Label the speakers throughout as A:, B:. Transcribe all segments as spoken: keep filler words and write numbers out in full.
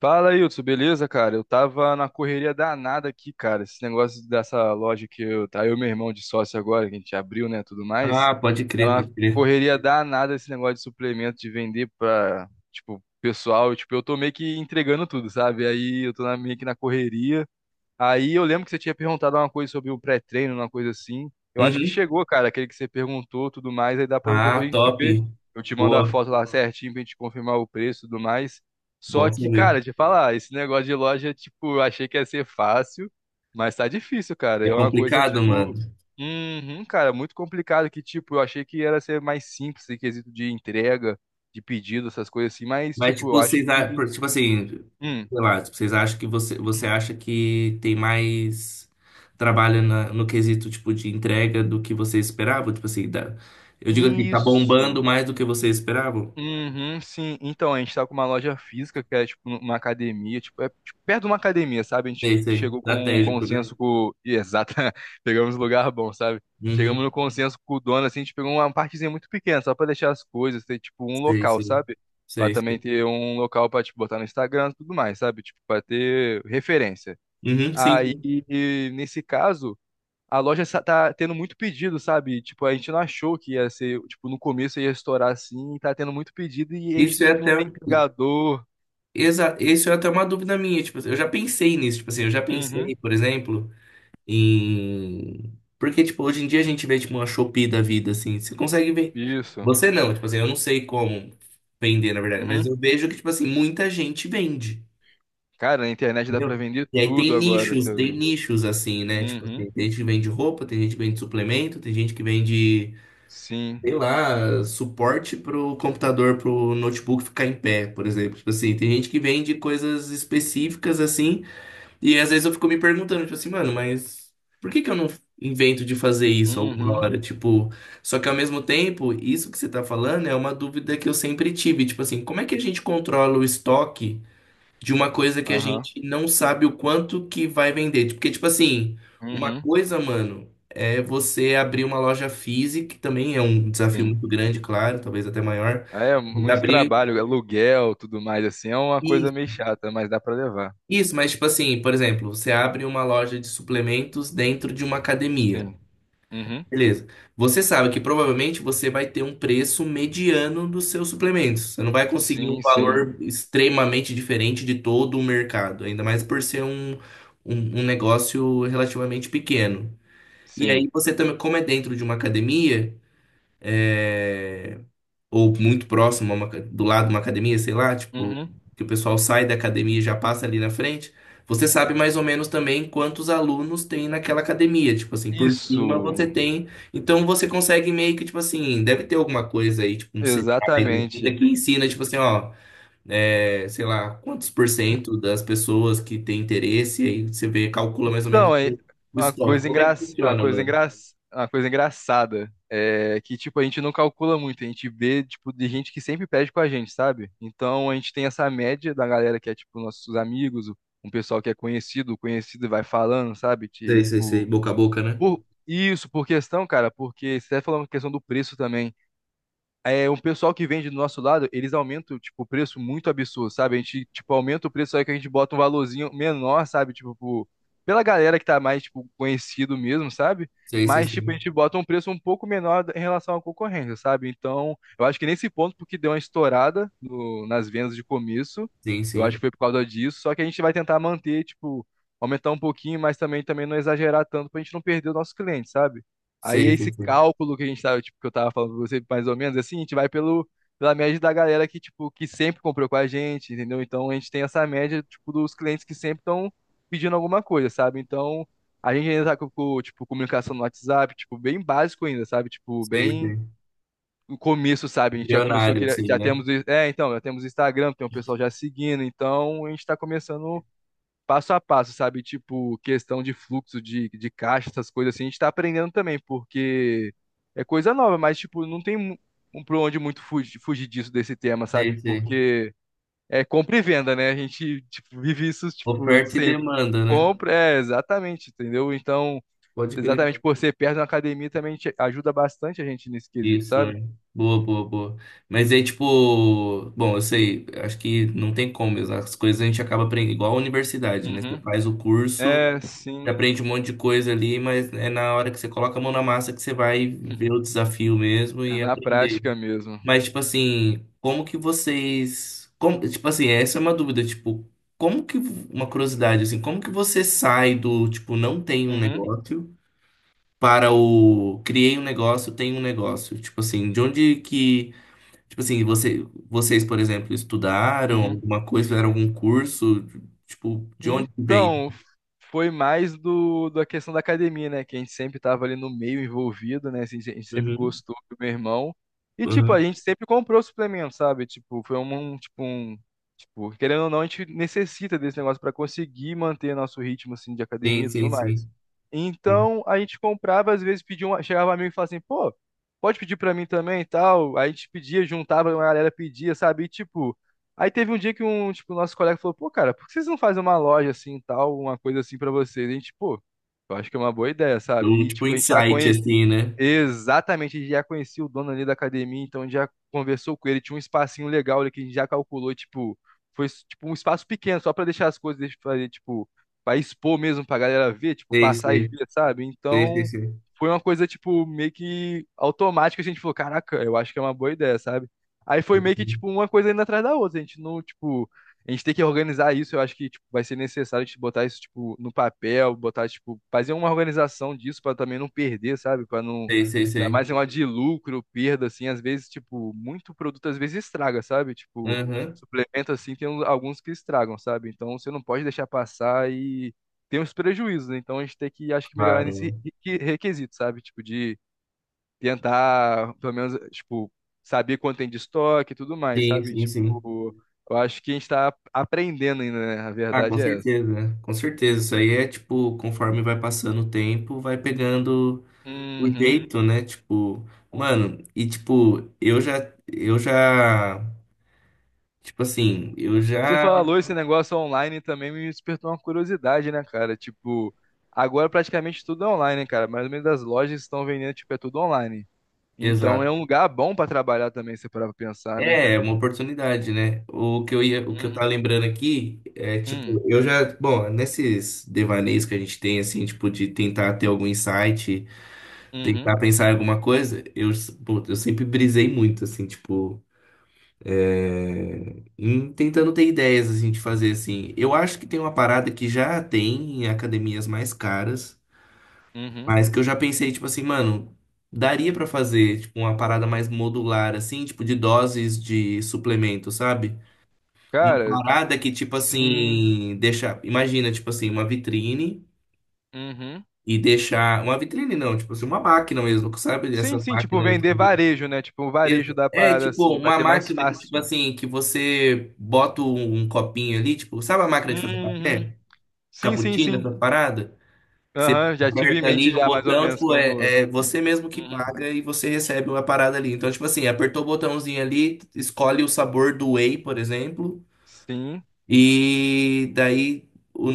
A: Fala, Hilton, beleza, cara? Eu tava na correria danada aqui, cara. Esse negócio dessa loja que eu, tá eu e meu irmão de sócio agora, que a gente abriu, né, tudo mais.
B: Ah, pode
A: Tá
B: crer,
A: uma
B: pode crer.
A: correria danada esse negócio de suplemento, de vender pra, tipo, pessoal. Tipo, eu tô meio que entregando tudo, sabe? Aí eu tô na- meio que na correria. Aí eu lembro que você tinha perguntado uma coisa sobre o pré-treino, uma coisa assim. Eu acho que
B: Uhum.
A: chegou, cara, aquele que você perguntou, tudo mais, aí dá pra
B: Ah,
A: depois a gente
B: top.
A: ver. Eu te mando a
B: Boa.
A: foto lá certinho pra gente confirmar o preço e tudo mais. Só
B: Bom
A: que,
B: saber.
A: cara, te falar, esse negócio de loja, tipo, eu achei que ia ser fácil, mas tá difícil, cara.
B: É
A: É uma coisa,
B: complicado, mano.
A: tipo, uhum, cara, muito complicado que, tipo, eu achei que era ser mais simples em quesito de entrega, de pedido, essas coisas assim, mas,
B: Mas,
A: tipo,
B: tipo,
A: eu acho
B: vocês, a-
A: que.
B: por- tipo assim,
A: Hum,
B: sei lá, tipo, vocês acham que você, você acha que tem mais trabalho na- no quesito, tipo, de entrega do que você esperava? Tipo assim, dá- eu digo assim, tá bombando
A: isso.
B: mais do que você esperava?
A: Uhum, sim. Então, a gente tá com uma loja física, que é tipo uma academia, tipo, é tipo, perto de uma academia, sabe? A gente
B: Sei, sei.
A: chegou com um
B: Estratégico, né?
A: consenso com. Ih, exato, pegamos lugar bom, sabe? Chegamos
B: Uhum.
A: no consenso com o dono, assim, a gente pegou uma partezinha muito pequena, só pra deixar as coisas, ter tipo um
B: Sei,
A: local,
B: sei.
A: sabe? Pra
B: Sei,
A: também
B: sei.
A: ter um local pra, tipo, botar no Instagram e tudo mais, sabe? Tipo, pra ter referência.
B: Uhum, sim,
A: Aí,
B: sim.
A: e nesse caso a loja sa- tá tendo muito pedido, sabe? Tipo, a gente não achou que ia ser, tipo, no começo ia estourar assim, e tá tendo muito pedido e a
B: Isso
A: gente,
B: é
A: tipo, não
B: até.
A: tem entregador.
B: Exa Isso é até uma dúvida minha, tipo assim, eu já pensei nisso, tipo assim, eu já pensei,
A: Uhum.
B: por exemplo, em... Porque, tipo, hoje em dia a gente vê, tipo, uma Shopee da vida, assim, você consegue ver.
A: Isso.
B: Você não, tipo assim, eu não sei como vender, na verdade, mas
A: Uhum.
B: eu vejo que, tipo assim, muita gente vende,
A: Cara, na internet dá pra
B: entendeu?
A: vender
B: E aí
A: tudo
B: tem
A: agora,
B: nichos,
A: você
B: tem
A: vê.
B: nichos, assim, né? Tipo
A: Uhum.
B: assim, tem gente que vende roupa, tem gente que vende suplemento, tem gente que vende
A: Sim.
B: sei lá, suporte pro computador, pro notebook ficar em pé, por exemplo. Tipo assim, tem gente que vende coisas específicas assim, e às vezes eu fico me perguntando, tipo assim, mano, mas por que que eu não invento de fazer isso alguma
A: Uhum.
B: hora? Tipo, só que ao mesmo tempo, isso que você tá falando é uma dúvida que eu sempre tive, tipo assim, como é que a gente controla o estoque de uma coisa que a
A: Aham.
B: gente não sabe o quanto que vai vender? Porque, tipo assim, uma
A: Uhum.
B: coisa, mano, é você abrir uma loja física, que também é um desafio
A: Sim.
B: muito grande, claro, talvez até maior,
A: É,
B: mas
A: muito
B: abrir
A: trabalho, aluguel, tudo mais, assim, é uma coisa
B: isso,
A: meio chata, mas dá pra levar.
B: isso, mas tipo assim, por exemplo, você abre uma loja de suplementos dentro de uma academia.
A: Sim. Uhum.
B: Beleza. Você sabe que provavelmente você vai ter um preço mediano dos seus suplementos. Você não vai conseguir um
A: Sim,
B: valor
A: sim.
B: extremamente diferente de todo o mercado, ainda mais por ser um, um, um negócio relativamente pequeno. E
A: Sim.
B: aí você também, como é dentro de uma academia, é, ou muito próximo, a uma aca- do lado de uma academia, sei lá, tipo,
A: Uhum.
B: que o pessoal sai da academia e já passa ali na frente, você sabe mais ou menos também quantos alunos tem naquela academia, tipo assim, por
A: Isso.
B: cima você tem, então você consegue meio que, tipo assim, deve ter alguma coisa aí, tipo um C P I da vida
A: Exatamente.
B: que ensina, tipo assim, ó, é, sei lá, quantos por cento das pessoas que tem interesse, aí você vê, calcula mais ou menos
A: Então, é
B: o o
A: uma
B: estoque.
A: coisa
B: Como é que
A: engra... uma
B: funciona,
A: coisa
B: mano?
A: engra... uma coisa engraçada é que tipo a gente não calcula muito, a gente vê tipo de gente que sempre pede com a gente, sabe? Então a gente tem essa média da galera que é tipo nossos amigos, um pessoal que é conhecido, o conhecido vai falando, sabe?
B: Sei, sei, sei,
A: Tipo,
B: boca a boca, né?
A: por isso, por questão, cara, porque você tá falando questão do preço também é, um pessoal que vende do nosso lado, eles aumentam, tipo, o preço muito absurdo, sabe? A gente, tipo, aumenta o preço aí que a gente bota um valorzinho menor, sabe? Tipo, pro- pela galera que tá mais, tipo, conhecido mesmo, sabe?
B: Sei, sei,
A: Mas, tipo, a
B: sei.
A: gente bota um preço um pouco menor em relação à concorrência, sabe? Então, eu acho que nesse ponto, porque deu uma estourada no- nas vendas de começo,
B: Sim,
A: eu acho que
B: sim.
A: foi por causa disso, só que a gente vai tentar manter, tipo, aumentar um pouquinho, mas também, também não exagerar tanto pra gente não perder o nosso cliente, sabe? Aí
B: Sei, sei,
A: esse
B: sei.
A: cálculo que a gente tava, tipo, que eu tava falando pra você, mais ou menos, assim, a gente vai pelo, pela média da galera que, tipo, que sempre comprou com a gente, entendeu? Então a gente tem essa média, tipo, dos clientes que sempre estão pedindo alguma coisa, sabe? Então a gente ainda tá com, com, tipo, comunicação no WhatsApp, tipo, bem básico ainda, sabe? Tipo,
B: Sei,
A: bem
B: sei.
A: no começo, sabe? A gente já começou
B: Bilionário,
A: que
B: assim,
A: já
B: né?
A: temos, é, então, já temos Instagram, tem um pessoal já seguindo, então a gente tá começando passo a passo, sabe? Tipo, questão de fluxo de, de caixa, essas coisas assim, a gente tá aprendendo também, porque é coisa nova, mas, tipo, não tem mu- um pra onde muito fugir, fugir disso, desse tema,
B: Sei,
A: sabe?
B: sei.
A: Porque é compra e venda, né? A gente, tipo, vive isso, tipo,
B: Oferta e
A: sempre.
B: demanda, né?
A: Compra, é, exatamente, entendeu? Então,
B: Pode crer.
A: exatamente por ser perto de uma academia também te- ajuda bastante a gente nesse quesito,
B: Isso,
A: sabe?
B: né? Boa, boa, boa. Mas aí, tipo, bom, eu sei, acho que não tem como, mesmo. As coisas a gente acaba aprendendo, igual a universidade, né? Você
A: Uhum.
B: faz o curso,
A: É,
B: você
A: sim,
B: aprende um monte de coisa ali, mas é na hora que você coloca a mão na massa que você vai ver o desafio mesmo
A: é
B: e
A: na
B: aprender.
A: prática mesmo.
B: Mas, tipo assim, como que vocês. Como, tipo assim, essa é uma dúvida, tipo, como que. Uma curiosidade, assim, como que você sai do, tipo, não tem um
A: Uhum.
B: negócio para o criei um negócio, tem um negócio? Tipo assim, de onde que. Tipo assim, você, vocês, por exemplo, estudaram
A: Uhum.
B: alguma coisa, fizeram algum curso? Tipo, de onde que vem?
A: Então, foi mais do, da questão da academia, né? Que a gente sempre tava ali no meio envolvido, né? Assim, a gente sempre
B: Uhum,
A: gostou do meu irmão. E, tipo, a
B: uhum.
A: gente sempre comprou suplemento, sabe? Tipo, foi um, um- tipo, um... Tipo, querendo ou não, a gente necessita desse negócio para conseguir manter nosso ritmo, assim, de academia
B: Sim,
A: e
B: sim,
A: tudo mais.
B: sim. Hum.
A: Então, a gente comprava, às vezes pedia um... Chegava um amigo e falava assim, pô, pode pedir para mim também e tal. Aí a gente pedia, juntava, a galera pedia, sabe? E, tipo... Aí teve um dia que um, tipo, nosso colega falou, pô, cara, por que vocês não fazem uma loja assim, tal, uma coisa assim pra vocês? E a gente, pô, eu acho que é uma boa ideia, sabe?
B: O,
A: E,
B: tipo,
A: tipo, a gente já
B: insight,
A: conhe...
B: assim, né?
A: exatamente, a gente já conhecia o dono ali da academia, então a gente já conversou com ele, tinha um espacinho legal ali que a gente já calculou, tipo, foi tipo um espaço pequeno, só pra deixar as coisas, deixa eu fazer, tipo, pra expor mesmo pra galera ver, tipo,
B: Sei,
A: passar e
B: sei,
A: ver, sabe?
B: sei, sei,
A: Então,
B: sei.
A: foi uma coisa, tipo, meio que automática, a gente falou, caraca, eu acho que é uma boa ideia, sabe? Aí foi meio que, tipo, uma coisa indo atrás da outra, a gente não, tipo, a gente tem que organizar isso, eu acho que, tipo, vai ser necessário a gente botar isso, tipo, no papel, botar, tipo, fazer uma organização disso pra também não perder, sabe? Pra não
B: Sei, sei,
A: ainda
B: sei.
A: mais em uma de lucro, perda, assim, às vezes, tipo, muito produto às vezes estraga, sabe? Tipo,
B: Aham.
A: suplemento, assim, tem alguns que estragam, sabe? Então você não pode deixar passar e tem os prejuízos, né? Então a gente tem que, acho que, melhorar nesse
B: Claro.
A: requi- requisito, sabe? Tipo, de tentar, pelo menos, tipo, saber quanto tem de estoque e tudo mais,
B: Sim,
A: sabe?
B: sim, sim.
A: Tipo, eu acho que a gente tá aprendendo ainda, né? A
B: Ah, com
A: verdade é essa.
B: certeza, com certeza. Isso aí é tipo, conforme vai passando o tempo, vai pegando o
A: Uhum.
B: jeito, né? Tipo, mano, e tipo, eu já, eu já, tipo assim, eu
A: Você
B: já,
A: falou esse negócio online também me despertou uma curiosidade, né, cara? Tipo, agora praticamente tudo é online, cara. Mais ou menos as lojas que estão vendendo, tipo, é tudo online. Então é
B: exato.
A: um lugar bom pra trabalhar também, se parar pra pensar, né?
B: É, é uma oportunidade, né? O que eu ia, o que eu tava lembrando aqui é
A: Uhum,
B: tipo, eu já, bom, nesses devaneios que a gente tem assim, tipo de tentar ter algum insight,
A: uhum,
B: tentar pensar em alguma coisa, eu, pô, eu sempre brisei muito assim, tipo hum, tentando ter ideias assim, de fazer assim. Eu acho que tem uma parada que já tem em academias mais caras,
A: uhum.
B: mas que eu já pensei, tipo assim, mano, daria pra fazer tipo, uma parada mais modular, assim, tipo de doses de suplemento, sabe? Uma
A: Cara,
B: parada que, tipo
A: sim.
B: assim, deixa. Imagina, tipo assim, uma vitrine
A: Uhum.
B: e deixar. Uma vitrine não, tipo assim, uma máquina mesmo, sabe?
A: Sim,
B: Essas
A: sim, tipo,
B: máquinas.
A: vender varejo, né? Tipo, o
B: Ex-
A: varejo da
B: É
A: parada
B: tipo
A: assim, pra
B: uma
A: ter mais
B: máquina que, tipo
A: fácil.
B: assim, que você bota um um copinho ali, tipo, sabe a máquina de fazer
A: Uhum.
B: café?
A: Sim, sim,
B: Cappuccino,
A: sim.
B: essa parada? Que você
A: Aham, já tive em
B: aperta
A: mente
B: ali o
A: já mais ou
B: botão,
A: menos
B: tipo,
A: como.
B: é, é você mesmo que
A: Uhum.
B: paga e você recebe uma parada ali. Então, tipo assim, apertou o botãozinho ali, escolhe o sabor do whey, por exemplo,
A: Sim,
B: e daí o,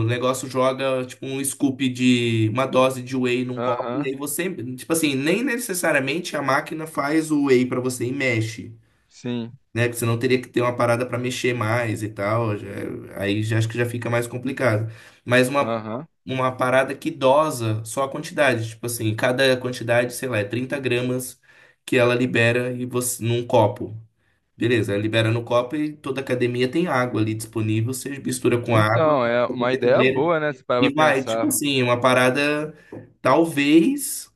B: o negócio joga, tipo, um scoop de, uma dose de whey num copo, e
A: aham,
B: aí você, tipo assim, nem necessariamente a máquina faz o whey pra você e mexe,
A: sim.
B: né? Que você não teria que ter uma parada para mexer mais e tal. Já- aí já acho que já fica mais complicado. Mas uma,
A: Aham.
B: uma parada que dosa só a quantidade. Tipo assim, cada quantidade, sei lá, é trinta gramas que ela libera e você, num copo. Beleza, ela libera no copo e toda academia tem água ali disponível. Você mistura com água,
A: Então, é
B: com
A: uma ideia
B: coqueteleira,
A: boa, né? Se parar
B: e
A: pra
B: vai. Tipo
A: pensar.
B: assim, uma parada. Talvez.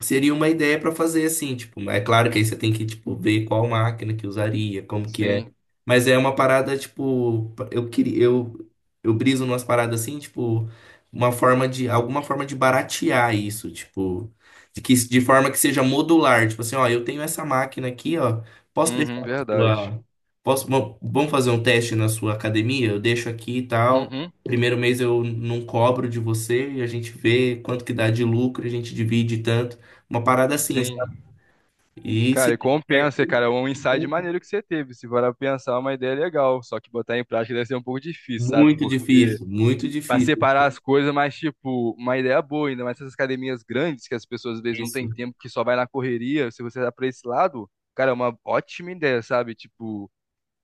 B: Seria uma ideia para fazer assim, tipo, é claro que aí você tem que tipo ver qual máquina que usaria, como que é.
A: Sim.
B: Mas é uma parada tipo, eu queria eu eu briso numas paradas assim, tipo, uma forma de alguma forma de baratear isso, tipo, de que de forma que seja modular, tipo assim, ó, eu tenho essa máquina aqui, ó, posso deixar
A: Uhum,
B: na
A: verdade.
B: sua posso vam- vamos fazer um teste na sua academia? Eu deixo aqui e tal.
A: Uhum.
B: Primeiro mês eu não cobro de você e a gente vê quanto que dá de lucro, a gente divide tanto. Uma parada assim, sabe?
A: Sim.
B: E se
A: Cara, e
B: der certo,
A: compensa, cara. É um insight maneiro que você teve. Se parar pra pensar, é uma ideia legal. Só que botar em prática deve ser um pouco difícil, sabe?
B: muito
A: Porque
B: difícil, muito
A: pra
B: difícil.
A: separar as coisas, mas, tipo, uma ideia boa, ainda mais essas academias grandes que as pessoas às vezes não têm
B: Isso.
A: tempo, que só vai na correria. Se você tá pra esse lado, cara, é uma ótima ideia, sabe? Tipo.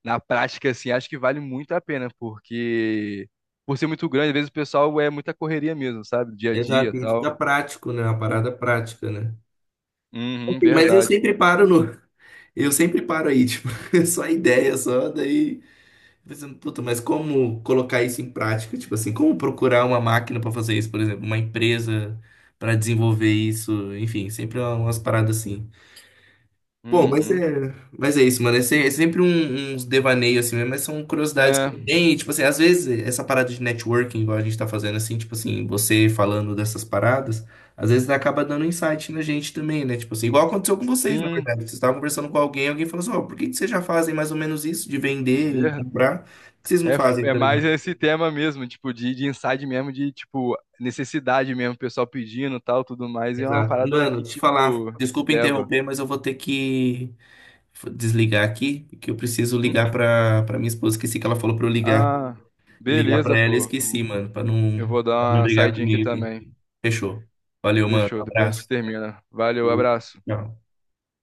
A: Na prática, assim, acho que vale muito a pena, porque por ser muito grande, às vezes o pessoal é muita correria mesmo, sabe? Dia a dia e
B: Exato, e
A: tal.
B: fica prático, né? Uma parada prática, né?
A: Uhum,
B: Assim, Mas eu
A: verdade.
B: sempre paro no. Eu sempre paro aí, tipo, só ideia, só daí. Pensando, puta, mas como colocar isso em prática? Tipo assim, como procurar uma máquina para fazer isso, por exemplo, uma empresa para desenvolver isso, enfim, sempre é umas paradas assim. Bom, mas é,
A: Uhum.
B: mas é isso, mano. É, se- é sempre um- uns devaneios assim mesmo, mas são curiosidades
A: É,
B: que tem. Tipo assim, às vezes essa parada de networking, igual a gente tá fazendo assim, tipo assim, você falando dessas paradas, às vezes acaba dando insight na gente também, né? Tipo assim, igual aconteceu com vocês, na
A: sim,
B: verdade. Vocês estavam conversando com alguém, alguém falou assim: Ó, por que que vocês já fazem mais ou menos isso de vender e
A: ver...
B: comprar? Por que vocês não
A: é,
B: fazem
A: é
B: também.
A: mais esse tema mesmo, tipo, de, de insight mesmo, de, tipo, necessidade mesmo, o pessoal pedindo e tal, tudo mais, e é uma
B: Exato.
A: parada
B: Mano,
A: que,
B: deixa eu te falar,
A: tipo, te
B: desculpa
A: leva.
B: interromper, mas eu vou ter que desligar aqui, que eu preciso
A: Hum,
B: ligar pra, pra minha esposa. Esqueci que ela falou pra eu ligar.
A: Ah,
B: Ligar
A: beleza,
B: pra ela e
A: pô.
B: esqueci, mano, pra não,
A: Eu vou
B: pra não
A: dar uma
B: brigar
A: saidinha aqui
B: comigo aqui.
A: também.
B: Fechou. Valeu, mano.
A: Fechou, depois a gente
B: Abraço.
A: termina. Valeu, abraço.
B: Tchau.